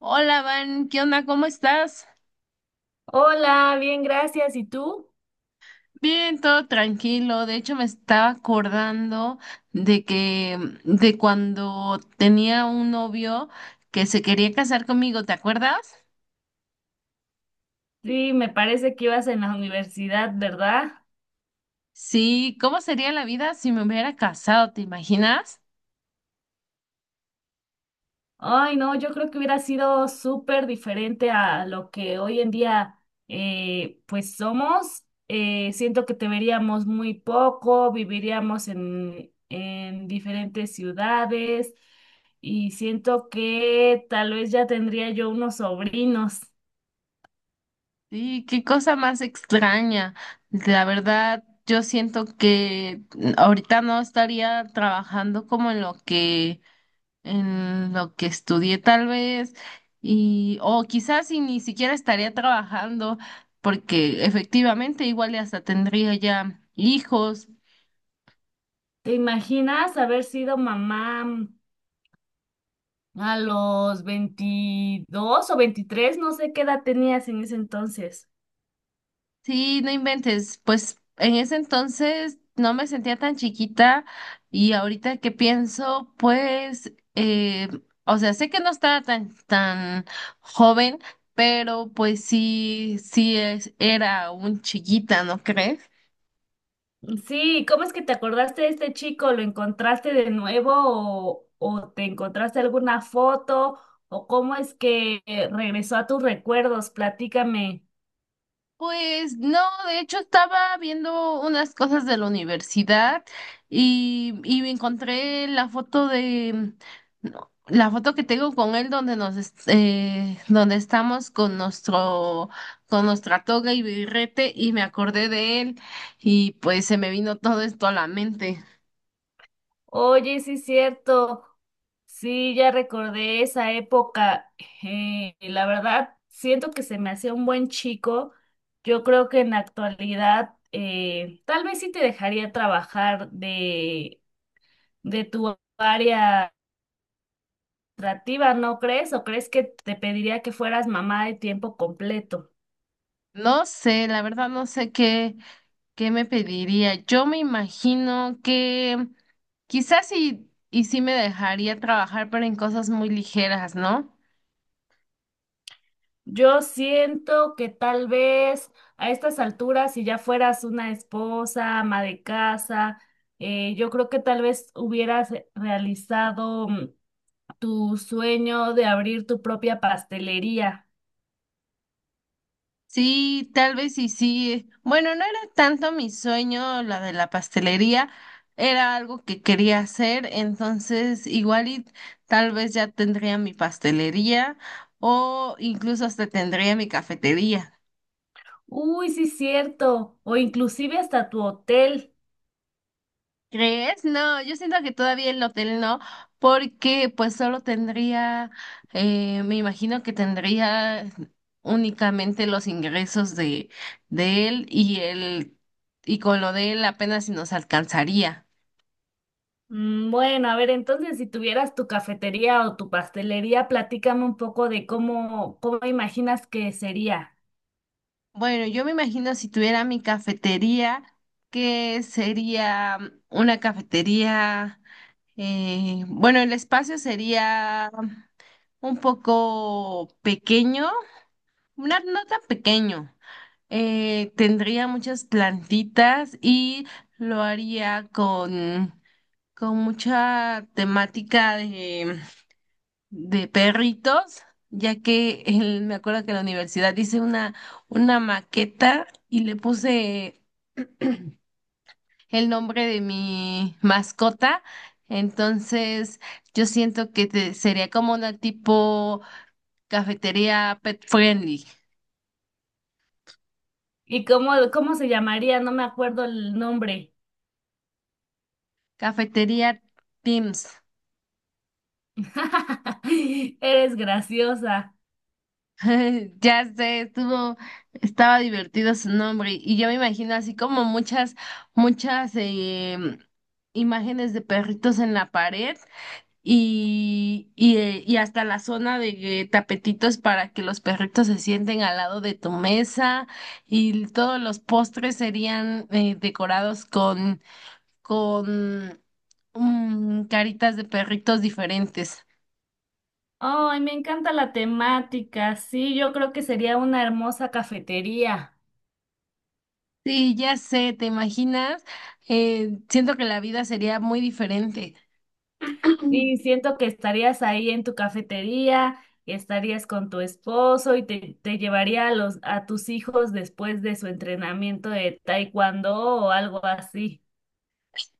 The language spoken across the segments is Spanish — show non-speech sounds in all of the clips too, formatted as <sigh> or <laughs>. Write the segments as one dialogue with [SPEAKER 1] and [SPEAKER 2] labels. [SPEAKER 1] Hola, Van, ¿qué onda? ¿Cómo estás?
[SPEAKER 2] Hola, bien, gracias. ¿Y tú?
[SPEAKER 1] Bien, todo tranquilo. De hecho, me estaba acordando de que de cuando tenía un novio que se quería casar conmigo, ¿te acuerdas?
[SPEAKER 2] Sí, me parece que ibas en la universidad, ¿verdad?
[SPEAKER 1] Sí, ¿cómo sería la vida si me hubiera casado? ¿Te imaginas?
[SPEAKER 2] Ay, no, yo creo que hubiera sido súper diferente a lo que hoy en día pues somos. Siento que te veríamos muy poco, viviríamos en diferentes ciudades y siento que tal vez ya tendría yo unos sobrinos.
[SPEAKER 1] Sí, qué cosa más extraña. La verdad, yo siento que ahorita no estaría trabajando como en lo que estudié tal vez, y o quizás si ni siquiera estaría trabajando, porque efectivamente igual y hasta tendría ya hijos.
[SPEAKER 2] ¿Te imaginas haber sido mamá? A los 22 o 23 no sé qué edad tenías en ese entonces.
[SPEAKER 1] Sí, no inventes, pues en ese entonces no me sentía tan chiquita y ahorita que pienso, pues, o sea, sé que no estaba tan joven, pero pues sí, era un chiquita, ¿no crees?
[SPEAKER 2] Sí, ¿cómo es que te acordaste de este chico? ¿Lo encontraste de nuevo o te encontraste alguna foto? ¿O cómo es que regresó a tus recuerdos? Platícame.
[SPEAKER 1] Pues no, de hecho estaba viendo unas cosas de la universidad y me encontré la foto de no, la foto que tengo con él donde donde estamos con nuestra toga y birrete y me acordé de él y pues se me vino todo esto a la mente.
[SPEAKER 2] Oye, sí es cierto. Sí, ya recordé esa época. La verdad, siento que se me hacía un buen chico. Yo creo que en la actualidad tal vez sí te dejaría trabajar de tu área administrativa, ¿no crees? ¿O crees que te pediría que fueras mamá de tiempo completo?
[SPEAKER 1] No sé, la verdad no sé qué ¿Qué me pediría? Yo me imagino que quizás sí, y sí me dejaría trabajar, pero en cosas muy ligeras, ¿no?
[SPEAKER 2] Yo siento que tal vez a estas alturas, si ya fueras una esposa, ama de casa, yo creo que tal vez hubieras realizado tu sueño de abrir tu propia pastelería.
[SPEAKER 1] Sí, tal vez y sí. Bueno, no era tanto mi sueño la de la pastelería, era algo que quería hacer, entonces igual y tal vez ya tendría mi pastelería o incluso hasta tendría mi cafetería.
[SPEAKER 2] Uy, sí, cierto. O inclusive hasta tu hotel.
[SPEAKER 1] ¿Crees? No, yo siento que todavía el hotel no, porque pues solo tendría, me imagino que tendría únicamente los ingresos de, de él y él, y con lo de él apenas si nos alcanzaría.
[SPEAKER 2] Bueno, a ver, entonces si tuvieras tu cafetería o tu pastelería, platícame un poco de cómo imaginas que sería
[SPEAKER 1] Bueno, yo me imagino si tuviera mi cafetería, que sería una cafetería, bueno, el espacio sería un poco pequeño, no tan pequeño. Tendría muchas plantitas y lo haría con mucha temática de perritos, ya que me acuerdo que en la universidad hice una maqueta y le puse el nombre de mi mascota. Entonces, yo siento que sería como una tipo cafetería pet friendly,
[SPEAKER 2] y cómo se llamaría, no me acuerdo el nombre.
[SPEAKER 1] cafetería Teams.
[SPEAKER 2] <laughs> Eres graciosa.
[SPEAKER 1] <laughs> Ya sé, estaba divertido su nombre y yo me imagino así como muchas imágenes de perritos en la pared y y hasta la zona de tapetitos para que los perritos se sienten al lado de tu mesa y todos los postres serían decorados con, con caritas de perritos diferentes.
[SPEAKER 2] Ay, me encanta la temática. Sí, yo creo que sería una hermosa cafetería.
[SPEAKER 1] Sí, ya sé, ¿te imaginas? Siento que la vida sería muy diferente.
[SPEAKER 2] Y siento que estarías ahí en tu cafetería, estarías con tu esposo y te llevaría a a tus hijos después de su entrenamiento de taekwondo o algo así.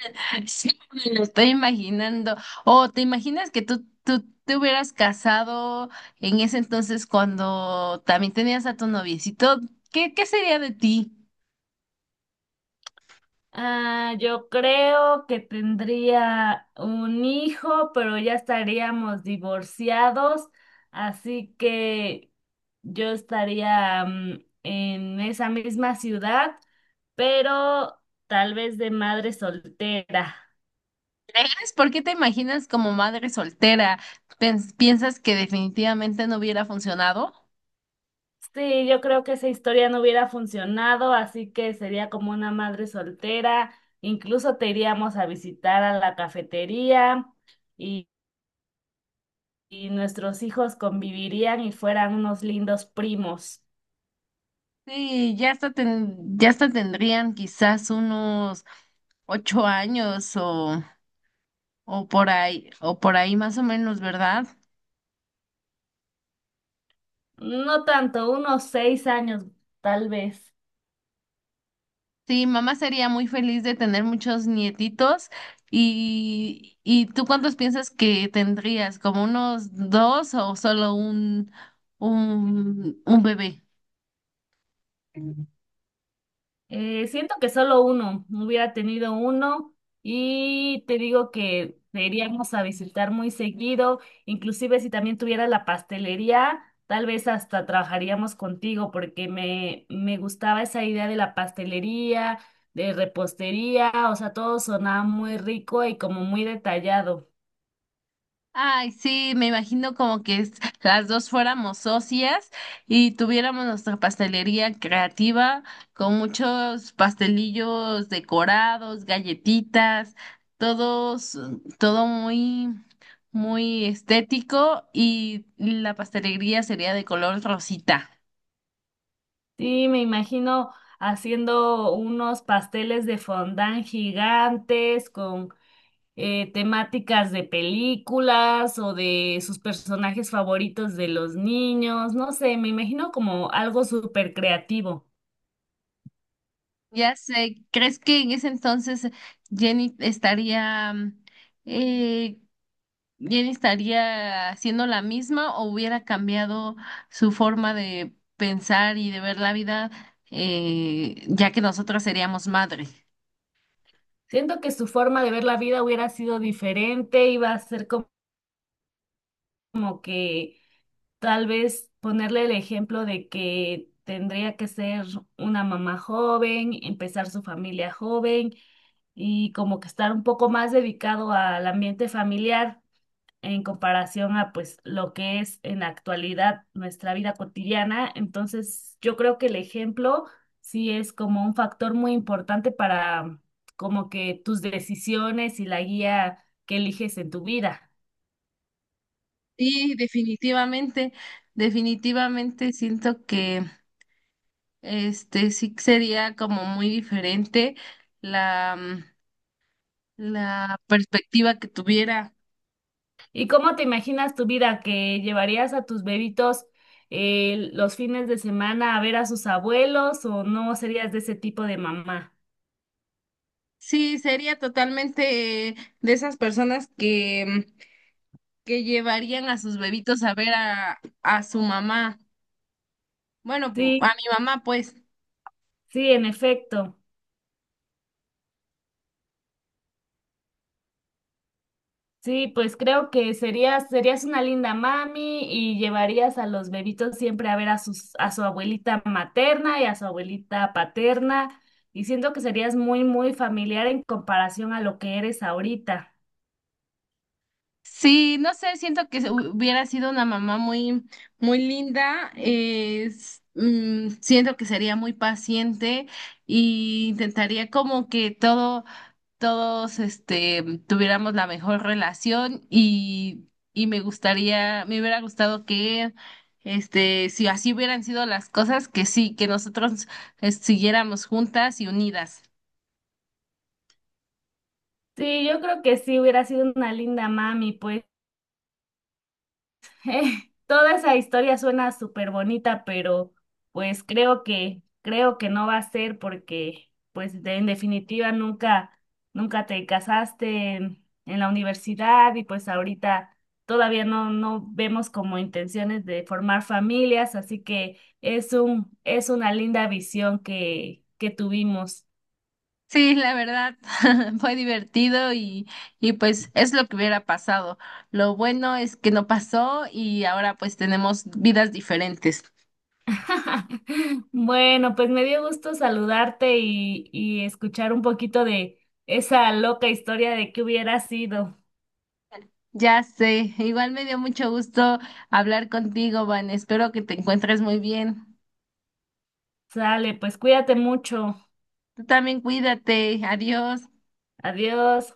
[SPEAKER 1] <laughs> Sí, me lo estoy imaginando. O te imaginas que tú te hubieras casado en ese entonces cuando también tenías a tu noviecito. ¿ qué sería de ti?
[SPEAKER 2] Ah, yo creo que tendría un hijo, pero ya estaríamos divorciados, así que yo estaría en esa misma ciudad, pero tal vez de madre soltera.
[SPEAKER 1] ¿Sabes por qué te imaginas como madre soltera? ¿Piensas que definitivamente no hubiera funcionado?
[SPEAKER 2] Sí, yo creo que esa historia no hubiera funcionado, así que sería como una madre soltera. Incluso te iríamos a visitar a la cafetería y nuestros hijos convivirían y fueran unos lindos primos.
[SPEAKER 1] Sí, ya hasta ya hasta tendrían quizás unos ocho años o por ahí más o menos, ¿verdad?
[SPEAKER 2] No tanto, unos 6 años, tal vez.
[SPEAKER 1] Sí, mamá sería muy feliz de tener muchos nietitos. Y tú cuántos piensas que tendrías? ¿Como unos dos o solo un bebé?
[SPEAKER 2] Siento que solo uno, hubiera tenido uno y te digo que te iríamos a visitar muy seguido, inclusive si también tuviera la pastelería, tal vez hasta trabajaríamos contigo porque me gustaba esa idea de la pastelería, de repostería, o sea, todo sonaba muy rico y como muy detallado.
[SPEAKER 1] Ay, sí, me imagino como que las dos fuéramos socias y tuviéramos nuestra pastelería creativa con muchos pastelillos decorados, galletitas, todos, todo muy estético y la pastelería sería de color rosita.
[SPEAKER 2] Sí, me imagino haciendo unos pasteles de fondant gigantes con temáticas de películas o de sus personajes favoritos de los niños. No sé, me imagino como algo súper creativo.
[SPEAKER 1] Ya sé, ¿crees que en ese entonces Jenny estaría eh, y él estaría haciendo la misma o hubiera cambiado su forma de pensar y de ver la vida, ya que nosotros seríamos madre.
[SPEAKER 2] Siento que su forma de ver la vida hubiera sido diferente, iba a ser como que tal vez ponerle el ejemplo de que tendría que ser una mamá joven, empezar su familia joven y como que estar un poco más dedicado al ambiente familiar en comparación a pues lo que es en la actualidad nuestra vida cotidiana. Entonces, yo creo que el ejemplo sí es como un factor muy importante para como que tus decisiones y la guía que eliges en tu vida.
[SPEAKER 1] Sí, definitivamente siento que este sí sería como muy diferente la, mm, la perspectiva que tuviera.
[SPEAKER 2] ¿Y cómo te imaginas tu vida que llevarías a tus bebitos los fines de semana a ver a sus abuelos o no serías de ese tipo de mamá?
[SPEAKER 1] Sí, sería totalmente de esas personas que llevarían a sus bebitos a ver a su mamá. Bueno, a
[SPEAKER 2] Sí,
[SPEAKER 1] mi mamá, pues.
[SPEAKER 2] sí, en efecto. Sí, pues creo que serías una linda mami y llevarías a los bebitos siempre a ver a a su abuelita materna y a su abuelita paterna. Y siento que serías muy familiar en comparación a lo que eres ahorita.
[SPEAKER 1] Sí, no sé, siento que hubiera sido una mamá muy linda. Es, siento que sería muy paciente y intentaría como que todos, este, tuviéramos la mejor relación y me gustaría, me hubiera gustado que, este, si así hubieran sido las cosas, que sí, que nosotros, siguiéramos juntas y unidas.
[SPEAKER 2] Sí, yo creo que sí hubiera sido una linda mami, pues. <laughs> Eh, Toda esa historia suena súper bonita, pero pues creo creo que no va a ser porque, pues de- en definitiva nunca te casaste en la universidad y pues ahorita todavía no vemos como intenciones de formar familias, así que es es una linda visión que tuvimos.
[SPEAKER 1] Sí, la verdad, <laughs> fue divertido y pues es lo que hubiera pasado. Lo bueno es que no pasó y ahora pues tenemos vidas diferentes.
[SPEAKER 2] <laughs> Bueno, pues me dio gusto saludarte y escuchar un poquito de esa loca historia de que hubiera sido.
[SPEAKER 1] Ya sé, igual me dio mucho gusto hablar contigo, Van. Espero que te encuentres muy bien.
[SPEAKER 2] Sale, pues cuídate mucho.
[SPEAKER 1] Tú también cuídate. Adiós.
[SPEAKER 2] Adiós.